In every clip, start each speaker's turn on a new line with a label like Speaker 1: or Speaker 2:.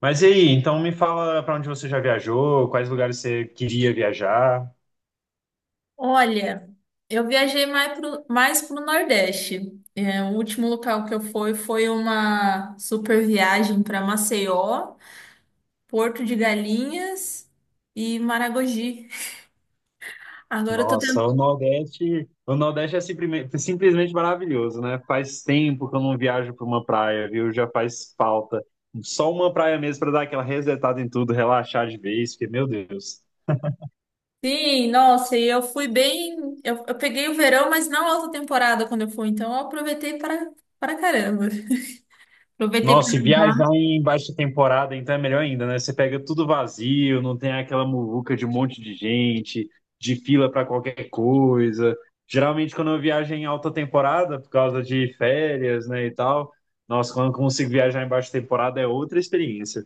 Speaker 1: Mas e aí, então me fala para onde você já viajou, quais lugares você queria viajar.
Speaker 2: Olha, eu viajei mais pro Nordeste. É, o último local que eu fui foi uma super viagem para Maceió, Porto de Galinhas e Maragogi. Agora eu tô
Speaker 1: Nossa,
Speaker 2: tentando.
Speaker 1: o Nordeste é simplesmente maravilhoso, né? Faz tempo que eu não viajo para uma praia, viu? Já faz falta. Só uma praia mesmo para dar aquela resetada em tudo, relaxar de vez, porque, meu Deus.
Speaker 2: Sim, nossa, e eu fui bem. Eu peguei o verão, mas não alta temporada quando eu fui, então eu aproveitei para caramba. Aproveitei para
Speaker 1: Nossa, e viajar
Speaker 2: nadar.
Speaker 1: em baixa temporada, então é melhor ainda, né? Você pega tudo vazio, não tem aquela muvuca de um monte de gente, de fila para qualquer coisa. Geralmente, quando eu viajo em alta temporada, por causa de férias, né, e tal, nossa, quando eu consigo viajar em baixa temporada é outra experiência.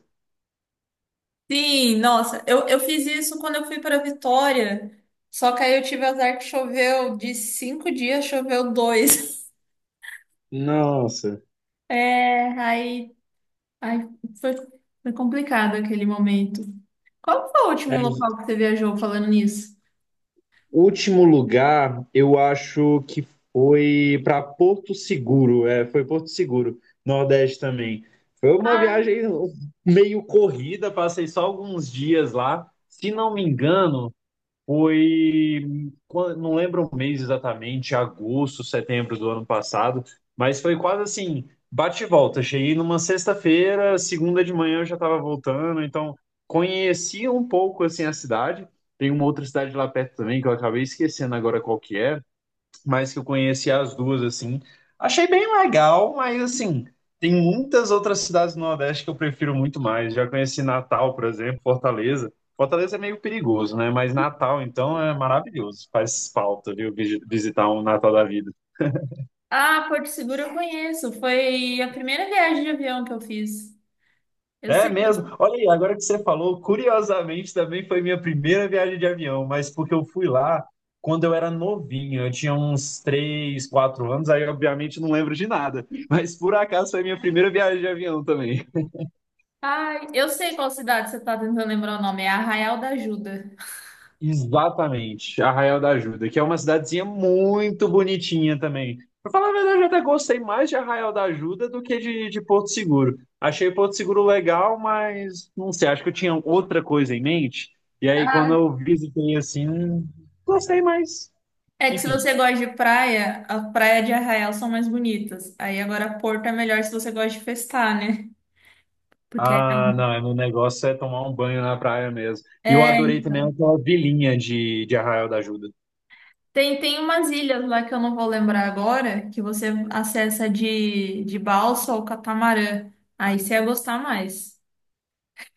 Speaker 2: Sim, nossa, eu fiz isso quando eu fui para Vitória, só que aí eu tive azar que choveu, de 5 dias choveu dois.
Speaker 1: Nossa.
Speaker 2: É, aí foi, foi complicado aquele momento. Qual foi o último local que você viajou falando nisso?
Speaker 1: Último lugar, eu acho que foi para Porto Seguro, é, foi Porto Seguro, Nordeste também. Foi uma
Speaker 2: Ah,
Speaker 1: viagem meio corrida, passei só alguns dias lá. Se não me engano, foi, não lembro o mês exatamente, agosto, setembro do ano passado, mas foi quase assim, bate e volta. Cheguei numa sexta-feira, segunda de manhã eu já estava voltando, então conheci um pouco assim a cidade. Tem uma outra cidade lá perto também que eu acabei esquecendo agora qual que é, mas que eu conheci as duas, assim. Achei bem legal, mas, assim, tem muitas outras cidades do Nordeste que eu prefiro muito mais. Já conheci Natal, por exemplo, Fortaleza. Fortaleza é meio perigoso, né? Mas Natal, então, é maravilhoso. Faz falta, viu, visitar um Natal da vida.
Speaker 2: ah, Porto Seguro eu conheço, foi a primeira viagem de avião que eu fiz. Eu
Speaker 1: É
Speaker 2: sei.
Speaker 1: mesmo. Olha aí, agora que você falou, curiosamente também foi minha primeira viagem de avião, mas porque eu fui lá quando eu era novinho, eu tinha uns 3 4 anos, aí obviamente não lembro de nada, mas por acaso foi minha primeira viagem de avião também.
Speaker 2: Ai, eu sei qual cidade você está tentando lembrar o nome, é Arraial da Ajuda.
Speaker 1: Exatamente, Arraial da Ajuda, que é uma cidadezinha muito bonitinha também. Pra falar a verdade, eu até gostei mais de Arraial da Ajuda do que de Porto Seguro. Achei Porto Seguro legal, mas não sei, acho que eu tinha outra coisa em mente. E aí, quando
Speaker 2: Ah,
Speaker 1: eu visitei assim, gostei mais.
Speaker 2: é que se
Speaker 1: Enfim.
Speaker 2: você gosta de praia, a praia de Arraial são mais bonitas. Aí agora Porto é melhor se você gosta de festar, né? Porque aí
Speaker 1: Ah, não, é, o negócio é tomar um banho na praia mesmo. E eu
Speaker 2: é,
Speaker 1: adorei também aquela vilinha de Arraial da Ajuda.
Speaker 2: tem umas ilhas lá que eu não vou lembrar agora, que você acessa de balsa ou catamarã. Aí você ia gostar mais.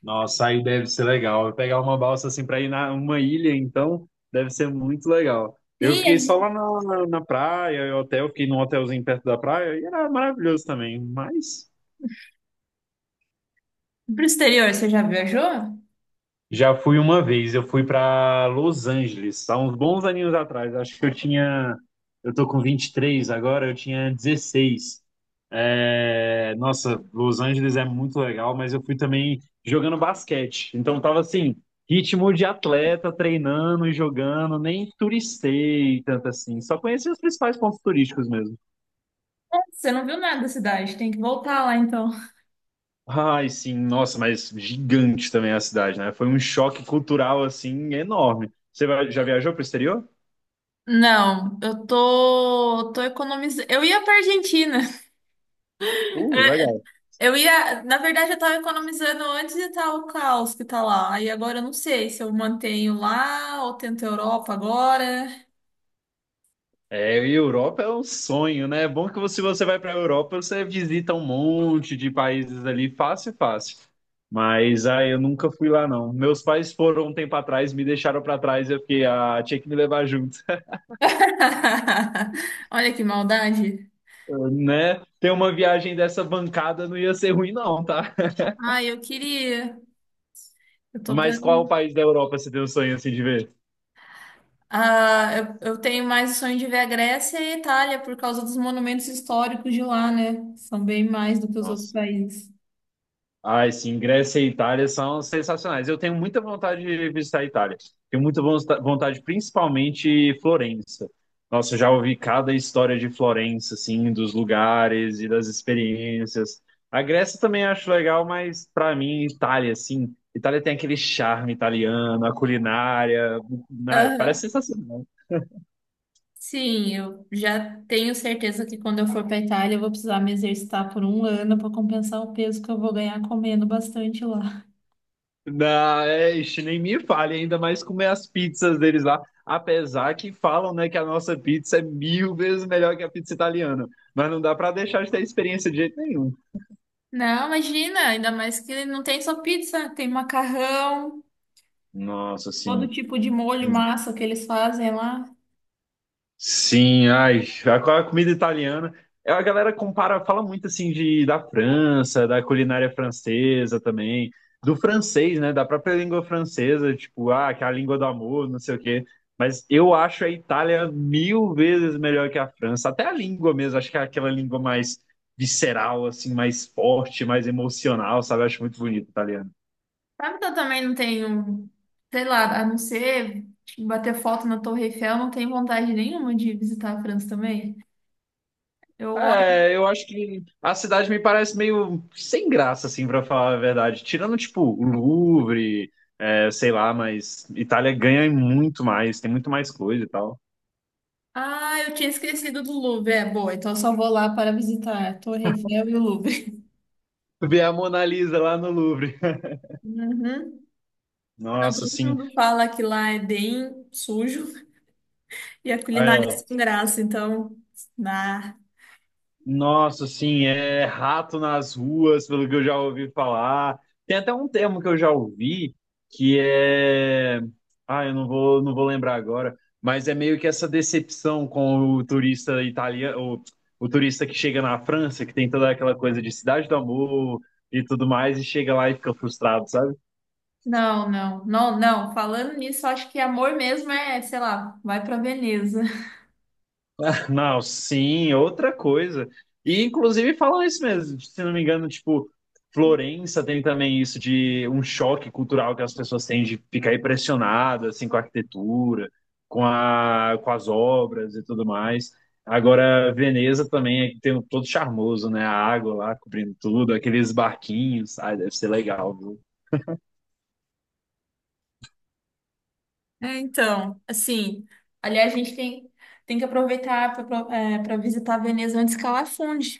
Speaker 1: Nossa, aí deve ser legal. Pegar uma balsa assim para ir na uma ilha, então, deve ser muito legal. Eu
Speaker 2: Sim, a
Speaker 1: fiquei só
Speaker 2: gente...
Speaker 1: lá na praia, eu hotel, fiquei num hotelzinho perto da praia, e era maravilhoso também. Mas.
Speaker 2: Pro exterior, você já viajou?
Speaker 1: Já fui uma vez, eu fui para Los Angeles, há uns bons aninhos atrás. Acho que eu tinha. Eu tô com 23 agora, eu tinha 16. É, nossa, Los Angeles é muito legal, mas eu fui também jogando basquete. Então tava assim, ritmo de atleta, treinando e jogando, nem turistei tanto assim. Só conheci os principais pontos turísticos mesmo.
Speaker 2: Você não viu nada da cidade, tem que voltar lá então.
Speaker 1: Ai, sim, nossa, mas gigante também a cidade, né? Foi um choque cultural assim enorme. Já viajou para o exterior?
Speaker 2: Não, eu tô economizando. Eu ia pra Argentina.
Speaker 1: Legal.
Speaker 2: Na verdade, eu tava economizando antes de tal o caos que tá lá. Aí agora eu não sei se eu mantenho lá ou tento Europa agora.
Speaker 1: É, e Europa é um sonho, né? É bom que se você vai para a Europa, você visita um monte de países ali, fácil, é fácil. Mas eu nunca fui lá, não. Meus pais foram um tempo atrás, me deixaram para trás, eu fiquei, tinha que me levar junto,
Speaker 2: Olha que maldade.
Speaker 1: né? Ter uma viagem dessa bancada não ia ser ruim, não, tá?
Speaker 2: Ah, eu queria. Eu tô
Speaker 1: Mas qual
Speaker 2: planejando.
Speaker 1: país da Europa você tem um sonho assim de ver?
Speaker 2: Ah, eu tenho mais o sonho de ver a Grécia e a Itália por causa dos monumentos históricos de lá, né? São bem mais do que os outros
Speaker 1: Nossa.
Speaker 2: países.
Speaker 1: Ai, sim, Grécia e Itália são sensacionais. Eu tenho muita vontade de visitar a Itália. Tenho muita vontade, principalmente Florença. Nossa, eu já ouvi cada história de Florença, assim, dos lugares e das experiências. A Grécia também acho legal, mas para mim, Itália, assim, Itália tem aquele charme italiano, a culinária, parece
Speaker 2: Aham.
Speaker 1: sensacional.
Speaker 2: Sim, eu já tenho certeza que quando eu for para Itália eu vou precisar me exercitar por um ano para compensar o peso que eu vou ganhar comendo bastante lá.
Speaker 1: Não, é, ixi, nem me fale, ainda mais comer as pizzas deles lá. Apesar que falam, né, que a nossa pizza é mil vezes melhor que a pizza italiana. Mas não dá pra deixar de ter experiência de jeito nenhum.
Speaker 2: Não, imagina, ainda mais que não tem só pizza, tem macarrão,
Speaker 1: Nossa,
Speaker 2: todo
Speaker 1: sim.
Speaker 2: tipo de molho, massa que eles fazem lá.
Speaker 1: Sim, ai, a comida italiana. É, a galera compara, fala muito assim de da França, da culinária francesa também, do francês, né, da própria língua francesa, tipo, que é a língua do amor, não sei o quê. Mas eu acho a Itália mil vezes melhor que a França, até a língua mesmo, acho que é aquela língua mais visceral, assim, mais forte, mais emocional, sabe? Eu acho muito bonito o italiano.
Speaker 2: Sabe que eu também não tenho, sei lá, a não ser tipo, bater foto na Torre Eiffel, não tenho vontade nenhuma de visitar a França também. Eu olho,
Speaker 1: É, eu acho que a cidade me parece meio sem graça, assim, pra falar a verdade. Tirando, tipo, o Louvre, é, sei lá, mas Itália ganha em muito mais, tem muito mais coisa e tal.
Speaker 2: ah, eu tinha esquecido do Louvre, é boa, então eu só vou lá para visitar a Torre Eiffel e o Louvre.
Speaker 1: Ver a Mona Lisa lá no Louvre.
Speaker 2: Uhum.
Speaker 1: Nossa,
Speaker 2: Todo
Speaker 1: assim,
Speaker 2: mundo fala que lá é bem sujo e a
Speaker 1: é,
Speaker 2: culinária é sem graça, então, nah.
Speaker 1: Nossa, assim, é rato nas ruas, pelo que eu já ouvi falar. Tem até um termo que eu já ouvi que é. Ah, eu não vou lembrar agora, mas é meio que essa decepção com o turista italiano, o turista que chega na França, que tem toda aquela coisa de cidade do amor e tudo mais, e chega lá e fica frustrado, sabe?
Speaker 2: Não, não, não, não. Falando nisso, eu acho que amor mesmo é, sei lá, vai para Veneza.
Speaker 1: Não, sim, outra coisa. E inclusive falam isso mesmo, se não me engano, tipo, Florença tem também isso de um choque cultural que as pessoas têm de ficar impressionadas assim com a arquitetura, com as obras e tudo mais. Agora, Veneza também tem um todo charmoso, né? A água lá cobrindo tudo, aqueles barquinhos, ai, deve ser legal.
Speaker 2: É, então, assim, aliás, a gente tem que aproveitar para visitar Veneza antes que ela afunde.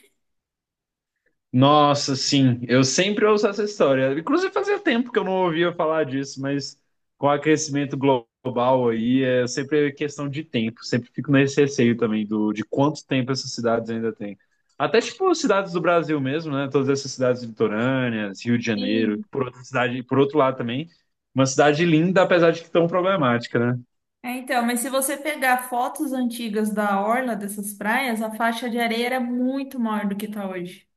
Speaker 1: Nossa, sim, eu sempre ouço essa história. Inclusive, fazia tempo que eu não ouvia falar disso, mas com o aquecimento global aí, é sempre questão de tempo. Sempre fico nesse receio também de quanto tempo essas cidades ainda têm. Até tipo cidades do Brasil mesmo, né? Todas essas cidades litorâneas, Rio de Janeiro,
Speaker 2: Sim.
Speaker 1: por outra cidade, por outro lado também, uma cidade linda, apesar de que tão problemática, né?
Speaker 2: É, então, mas se você pegar fotos antigas da orla dessas praias, a faixa de areia era muito maior do que está hoje.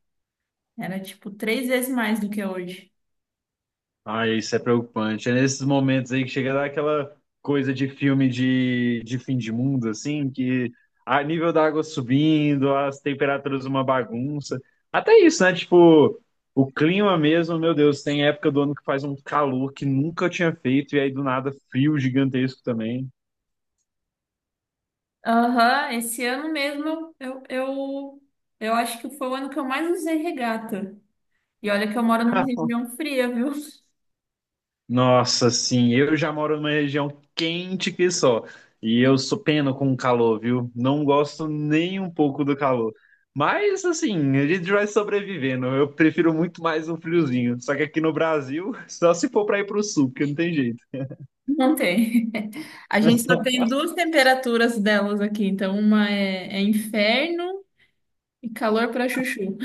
Speaker 2: Era tipo três vezes mais do que é hoje.
Speaker 1: Ai, isso é preocupante. É nesses momentos aí que chega a dar aquela coisa de filme de fim de mundo, assim, que a nível da água subindo, as temperaturas uma bagunça. Até isso, né? Tipo, o clima mesmo, meu Deus, tem época do ano que faz um calor que nunca tinha feito, e aí do nada frio gigantesco também.
Speaker 2: Aham, esse ano mesmo eu acho que foi o ano que eu mais usei regata. E olha que eu moro numa região fria, viu?
Speaker 1: Nossa, sim, eu já moro numa região quente que só. E eu sou pena com o calor, viu? Não gosto nem um pouco do calor. Mas assim, a gente vai sobrevivendo. Eu prefiro muito mais um friozinho. Só que aqui no Brasil, só se for para ir pro sul, porque não tem jeito.
Speaker 2: Não tem. A gente só tem duas temperaturas delas aqui, então uma é inferno e calor pra chuchu.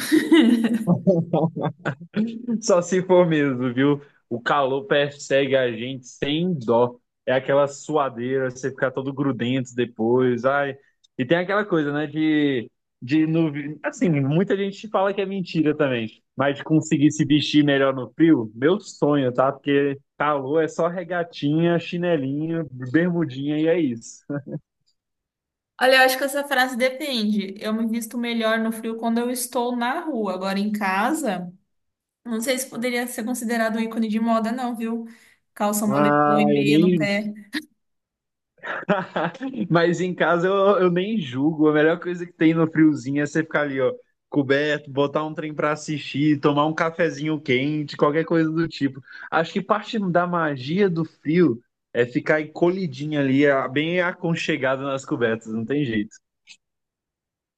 Speaker 1: Só se for mesmo, viu? O calor persegue a gente sem dó. É aquela suadeira, você ficar todo grudento depois. Ai. E tem aquela coisa, né, de no, assim, muita gente fala que é mentira também, mas de conseguir se vestir melhor no frio, meu sonho, tá? Porque calor é só regatinha, chinelinho, bermudinha e é isso.
Speaker 2: Olha, eu acho que essa frase depende. Eu me visto melhor no frio quando eu estou na rua, agora em casa. Não sei se poderia ser considerado um ícone de moda, não, viu? Calça moletom
Speaker 1: Ah,
Speaker 2: e
Speaker 1: eu
Speaker 2: meia no
Speaker 1: nem.
Speaker 2: pé.
Speaker 1: Mas em casa eu nem julgo. A melhor coisa que tem no friozinho é você ficar ali, ó, coberto, botar um trem pra assistir, tomar um cafezinho quente, qualquer coisa do tipo. Acho que parte da magia do frio é ficar encolhidinho ali, bem aconchegado nas cobertas, não tem jeito.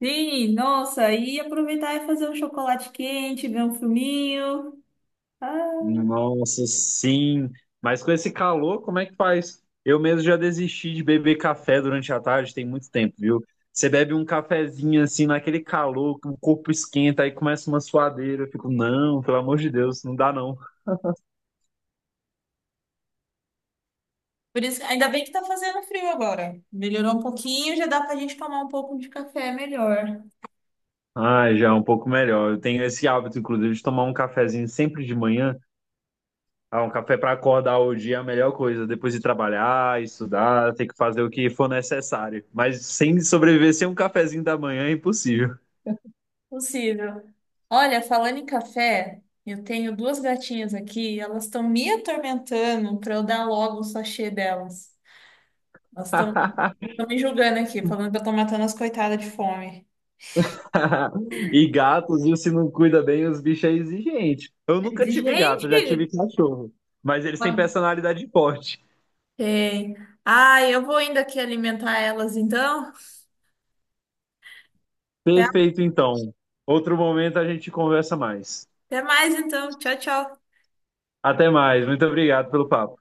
Speaker 2: Sim, nossa, e aproveitar e fazer um chocolate quente, ver um filminho. Ah,
Speaker 1: Nossa, sim. Mas com esse calor, como é que faz? Eu mesmo já desisti de beber café durante a tarde, tem muito tempo, viu? Você bebe um cafezinho assim, naquele calor, que o corpo esquenta, aí começa uma suadeira. Eu fico, não, pelo amor de Deus, não dá não.
Speaker 2: por isso, ainda bem que tá fazendo frio agora. Melhorou um pouquinho, já dá pra gente tomar um pouco de café melhor.
Speaker 1: Ah, já é um pouco melhor. Eu tenho esse hábito, inclusive, de tomar um cafezinho sempre de manhã. Ah, um café para acordar o dia é a melhor coisa. Depois de trabalhar, estudar, ter que fazer o que for necessário. Mas sem sobreviver sem um cafezinho da manhã é impossível.
Speaker 2: Possível. Olha, falando em café, eu tenho duas gatinhas aqui, elas estão me atormentando pra eu dar logo o sachê delas. Elas estão me julgando aqui, falando que eu tô matando as coitadas de fome.
Speaker 1: E gatos, viu, se não cuida bem, os bichos é exigente. Eu
Speaker 2: Eu
Speaker 1: nunca
Speaker 2: disse,
Speaker 1: tive gato, já tive
Speaker 2: Gente,
Speaker 1: cachorro. Mas eles têm personalidade forte.
Speaker 2: tem. Ai, eu vou ainda aqui alimentar elas então. Tá?
Speaker 1: Perfeito, então. Outro momento a gente conversa mais.
Speaker 2: Até mais, então. Tchau, tchau.
Speaker 1: Até mais. Muito obrigado pelo papo.